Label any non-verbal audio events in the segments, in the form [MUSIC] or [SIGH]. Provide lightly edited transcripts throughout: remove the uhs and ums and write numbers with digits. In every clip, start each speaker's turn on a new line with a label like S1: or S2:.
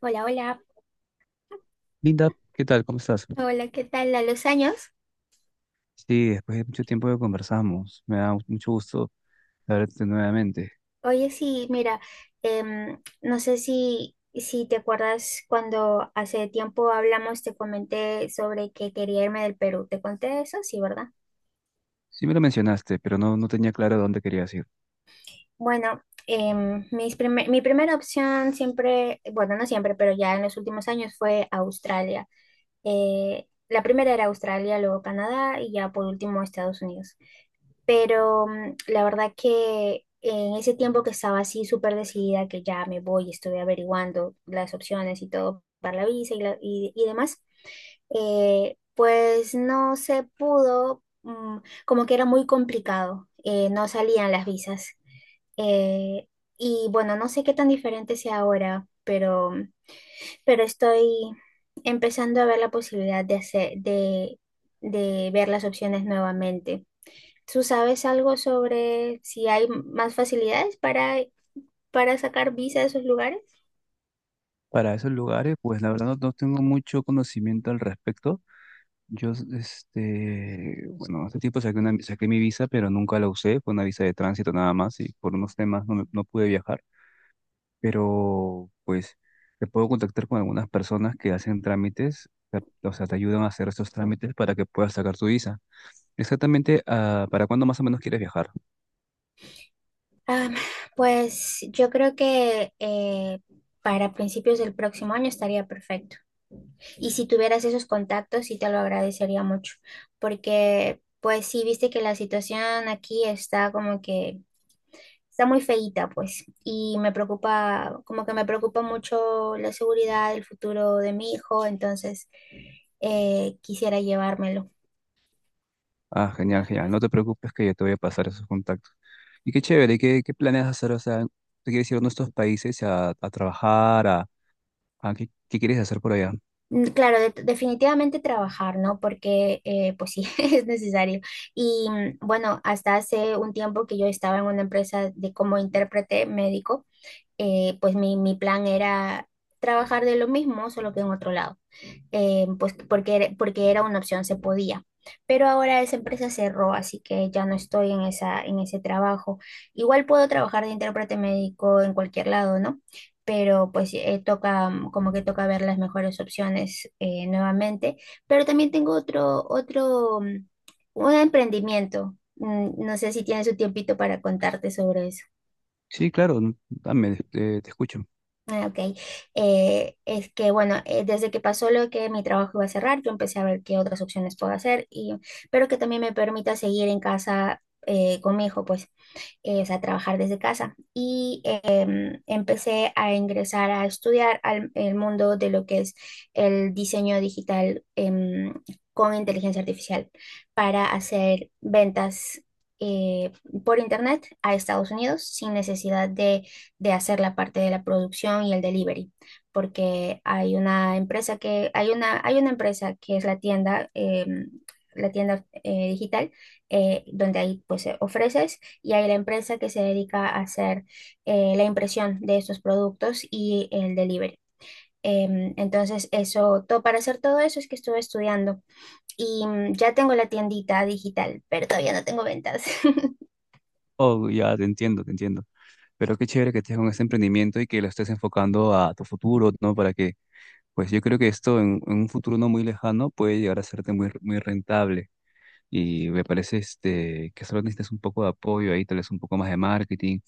S1: Hola, hola,
S2: Linda, ¿qué tal? ¿Cómo estás?
S1: hola, ¿qué tal? A los años.
S2: Sí, después de mucho tiempo que conversamos, me da mucho gusto verte nuevamente.
S1: Oye, sí, mira, no sé si te acuerdas cuando hace tiempo hablamos, te comenté sobre que quería irme del Perú. ¿Te conté eso? Sí, ¿verdad?
S2: Sí me lo mencionaste, pero no tenía claro a dónde querías ir.
S1: Bueno, mis primer mi primera opción siempre, bueno, no siempre, pero ya en los últimos años fue Australia. La primera era Australia, luego Canadá y ya por último Estados Unidos. Pero la verdad que en ese tiempo que estaba así súper decidida, que ya me voy, estuve averiguando las opciones y todo para la visa y demás, pues no se pudo, como que era muy complicado, no salían las visas. Eh, y bueno, no sé qué tan diferente sea ahora, pero, pero estoy empezando a ver la posibilidad de de ver las opciones nuevamente. ¿Tú sabes algo sobre si hay más facilidades para sacar visa de esos lugares?
S2: Para esos lugares, pues la verdad no tengo mucho conocimiento al respecto. Yo, este, bueno, hace tiempo saqué mi visa, pero nunca la usé. Fue una visa de tránsito nada más y por unos temas no pude viajar. Pero, pues, te puedo contactar con algunas personas que hacen trámites, o sea, te ayudan a hacer esos trámites para que puedas sacar tu visa. Exactamente, ¿para cuándo más o menos quieres viajar?
S1: Ah, pues yo creo que para principios del próximo año estaría perfecto. Y si tuvieras esos contactos, sí te lo agradecería mucho, porque pues sí, viste que la situación aquí está como que está muy feíta, pues, y me preocupa, como que me preocupa mucho la seguridad, el futuro de mi hijo, entonces quisiera llevármelo.
S2: Ah, genial, genial. No te preocupes que yo te voy a pasar esos contactos. Y qué chévere, ¿qué planeas hacer? O sea, ¿te quieres ir a nuestros países a trabajar? A ¿qué quieres hacer por allá?
S1: Mm, claro, definitivamente trabajar, ¿no? Porque, pues sí, [LAUGHS] es necesario. Y bueno, hasta hace un tiempo que yo estaba en una empresa de como intérprete médico, pues mi plan era trabajar de lo mismo, solo que en otro lado, pues porque era una opción, se podía. Pero ahora esa empresa cerró, así que ya no estoy en ese trabajo. Igual puedo trabajar de intérprete médico en cualquier lado, ¿no? Pero pues toca, como que toca ver las mejores opciones, nuevamente. Pero también tengo otro, un emprendimiento. Mm, no sé si tienes un tiempito para contarte sobre eso.
S2: Sí, claro, dame, te escucho.
S1: Ah, ok. Es que, bueno, desde que pasó lo que mi trabajo iba a cerrar, yo empecé a ver qué otras opciones puedo hacer, y, pero que también me permita seguir en casa, con mi hijo, pues o sea, trabajar desde casa. Y empecé a ingresar a estudiar al el mundo de lo que es el diseño digital, con inteligencia artificial para hacer ventas, eh, por internet a Estados Unidos sin necesidad de hacer la parte de la producción y el delivery, porque hay una empresa que es la tienda, la tienda, digital, donde ahí pues ofreces y hay la empresa que se dedica a hacer la impresión de estos productos y el delivery. Entonces, eso, todo, para hacer todo eso es que estuve estudiando y ya tengo la tiendita digital, pero todavía no tengo ventas. [LAUGHS]
S2: Oh, ya te entiendo, te entiendo. Pero qué chévere que estés con ese emprendimiento y que lo estés enfocando a tu futuro, ¿no? Para que, pues yo creo que esto en un futuro no muy lejano puede llegar a serte muy rentable. Y me parece este, que solo necesitas un poco de apoyo ahí, tal vez un poco más de marketing,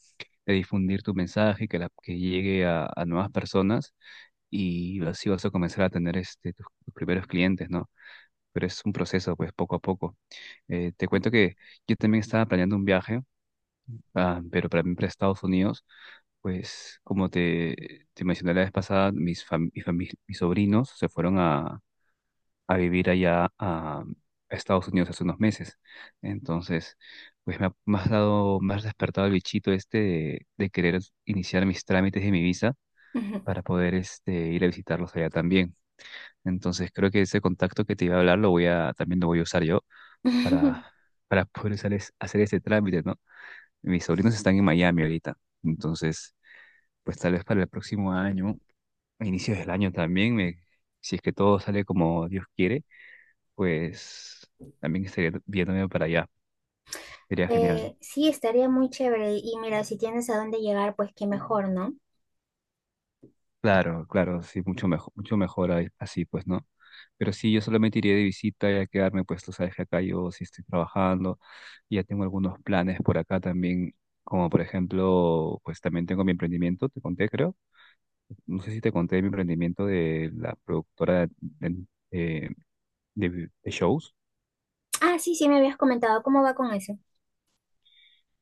S2: de difundir tu mensaje, que llegue a nuevas personas y así vas a comenzar a tener este, tus primeros clientes, ¿no? Pero es un proceso, pues poco a poco. Te cuento que yo también estaba planeando un viaje, ah, pero para mí para Estados Unidos, pues como te mencioné la vez pasada, mis, fam- mi fami- mis sobrinos se fueron a vivir allá a Estados Unidos hace unos meses. Entonces, pues me has dado, me has despertado el bichito este de querer iniciar mis trámites de mi visa
S1: Ujú.
S2: para poder este, ir a visitarlos allá también. Entonces, creo que ese contacto que te iba a hablar lo voy a, también lo voy a usar yo para,
S1: [LAUGHS]
S2: para poder hacer ese trámite, ¿no? Mis sobrinos están en Miami ahorita. Entonces, pues tal vez para el próximo año, a inicios del año también, me, si es que todo sale como Dios quiere pues también estaría viéndome para allá. Sería genial.
S1: Sí, estaría muy chévere. Y mira, si tienes a dónde llegar, pues qué mejor, ¿no?
S2: Claro, claro, sí, mucho mejor, así, pues, ¿no? Pero sí, yo solamente iría de visita y a quedarme, pues, tú sabes que acá yo sí estoy trabajando, y ya tengo algunos planes por acá también, como por ejemplo, pues también tengo mi emprendimiento, te conté, creo. No sé si te conté mi emprendimiento de la productora de- de shows.
S1: Ah, sí, sí, me habías comentado cómo va con eso.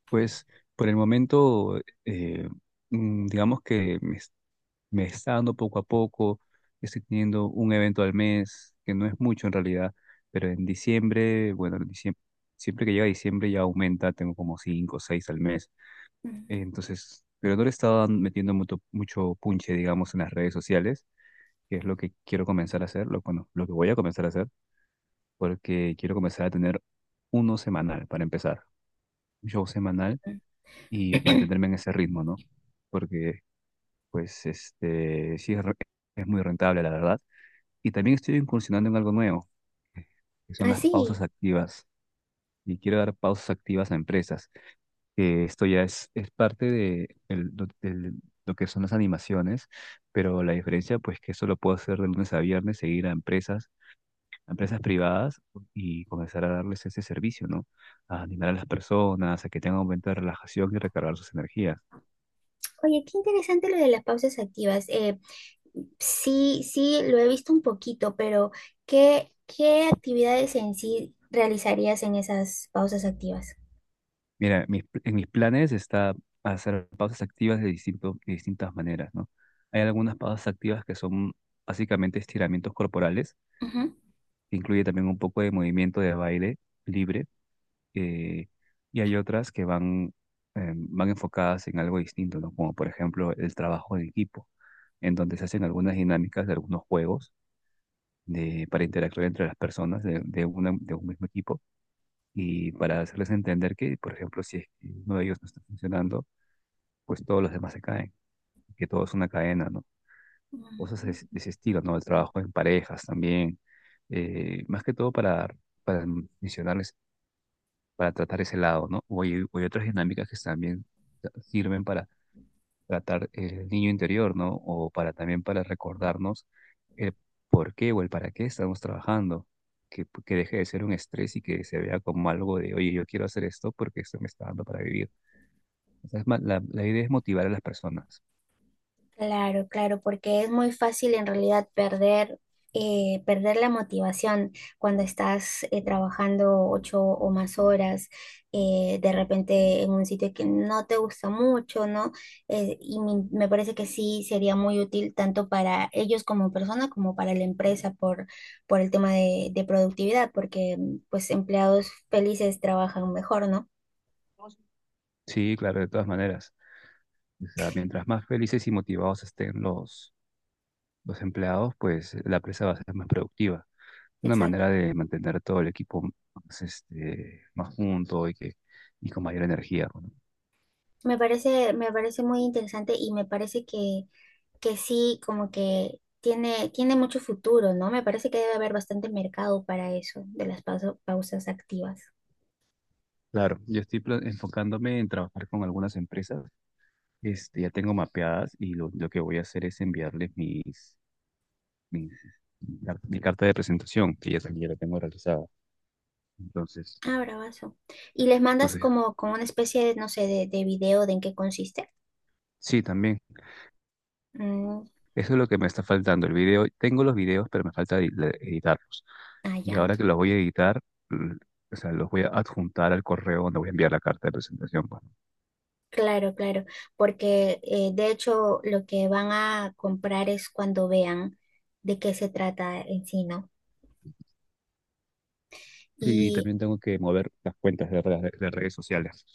S2: Pues, por el momento, mm, digamos que me está dando poco a poco, estoy teniendo un evento al mes, que no es mucho en realidad, pero en diciembre, bueno, en diciembre, siempre que llega diciembre ya aumenta, tengo como cinco o seis al mes.
S1: Ujú.
S2: Entonces, pero no le estaba metiendo mucho punche, digamos, en las redes sociales, que es lo que quiero comenzar a hacer, lo que voy a comenzar a hacer, porque quiero comenzar a tener uno semanal para empezar, un show semanal y mantenerme en ese ritmo, ¿no? Porque, pues, este, es muy rentable, la verdad. Y también estoy incursionando en algo nuevo, que son
S1: Ah,
S2: las pausas
S1: sí.
S2: activas. Y quiero dar pausas activas a empresas, que esto ya es parte de lo que son las animaciones, pero la diferencia pues que eso lo puedo hacer de lunes a viernes, seguir a empresas privadas y comenzar a darles ese servicio, ¿no? A animar a las personas, a que tengan un momento de relajación y recargar sus energías.
S1: Oye, qué interesante lo de las pausas activas. Sí, sí, lo he visto un poquito, pero ¿qué, qué actividades en sí realizarías en esas pausas activas?
S2: Mira, mis, en mis planes está hacer pausas activas de distintas maneras, ¿no? Hay algunas pausas activas que son básicamente estiramientos corporales,
S1: Ujú.
S2: que incluye también un poco de movimiento de baile libre, eh, y hay otras que van, van enfocadas en algo distinto, ¿no? Como por ejemplo el trabajo en equipo, en donde se hacen algunas dinámicas de algunos juegos de, para interactuar entre las personas de un mismo equipo y para hacerles entender que, por ejemplo, si es que uno de ellos no está funcionando, pues todos los demás se caen, que todo es una cadena, ¿no? Cosas de ese estilo, ¿no? El trabajo en parejas también, más que todo para mencionarles, para tratar ese lado, ¿no? O hay otras dinámicas que también sirven para tratar el niño interior, ¿no? O para también para recordarnos el por qué o el para qué estamos trabajando. Que deje de ser un estrés y que se vea como algo de, oye, yo quiero hacer esto porque esto me está dando para vivir. O sea, es más, la idea es motivar a las personas.
S1: Claro, claro, porque es muy fácil en realidad perder la motivación cuando estás, trabajando 8 o más horas, de repente en un sitio que no te gusta mucho, ¿no? Me parece que sí sería muy útil tanto para ellos como persona como para la empresa por el tema de productividad, porque pues empleados felices trabajan mejor, ¿no?
S2: Sí, claro, de todas maneras. O sea, mientras más felices y motivados estén los empleados, pues la empresa va a ser más productiva. Una manera
S1: Exacto.
S2: de mantener todo el equipo más, este, más junto y, que, y con mayor energía. ¿No?
S1: Me parece muy interesante y me parece que sí, como que tiene, tiene mucho futuro, ¿no? Me parece que debe haber bastante mercado para eso, de las pausas activas.
S2: Claro, yo estoy enfocándome en trabajar con algunas empresas. Este, ya tengo mapeadas y lo que voy a hacer es enviarles mis, mis, mi mi carta de presentación, que ya, ya la tengo realizada. Entonces,
S1: Ah, bravazo. ¿Y les mandas
S2: entonces,
S1: como, como una especie de, no sé, de video de en qué consiste?
S2: sí, también.
S1: Mm,
S2: Eso es lo que me está faltando. El video, tengo los videos, pero me falta editarlos.
S1: ah,
S2: Y
S1: ya.
S2: ahora que los voy a editar, l- o sea, los voy a adjuntar al correo donde voy a enviar la carta de presentación, pues.
S1: Claro, claro. Porque de hecho lo que van a comprar es cuando vean de qué se trata en sí, ¿no?
S2: Sí, y
S1: Y
S2: también tengo que mover las cuentas de redes sociales.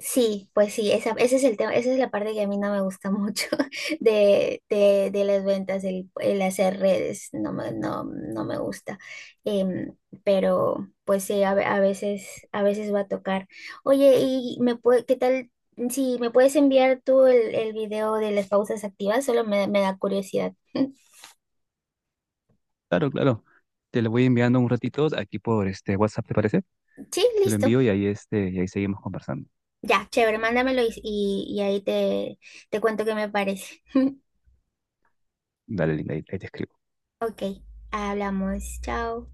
S1: sí, pues sí, esa, ese es el tema, esa es la parte que a mí no me gusta mucho [LAUGHS] de las ventas, el hacer redes, no me, no, no me gusta. Em, pero pues sí, a, a veces va a tocar. Oye, ¿y me puede, qué tal si me puedes enviar tú el video de las pausas activas? Solo me, me da curiosidad. [LAUGHS]
S2: Claro, claro. Te lo voy enviando un ratito aquí por este WhatsApp, ¿te parece?
S1: Sí,
S2: Te lo
S1: listo.
S2: envío y ahí, este, y ahí seguimos conversando.
S1: Ya, chévere, mándamelo y ahí te, te cuento qué me parece. [LAUGHS]
S2: Dale, linda, ahí te escribo.
S1: Ok, hablamos, chao.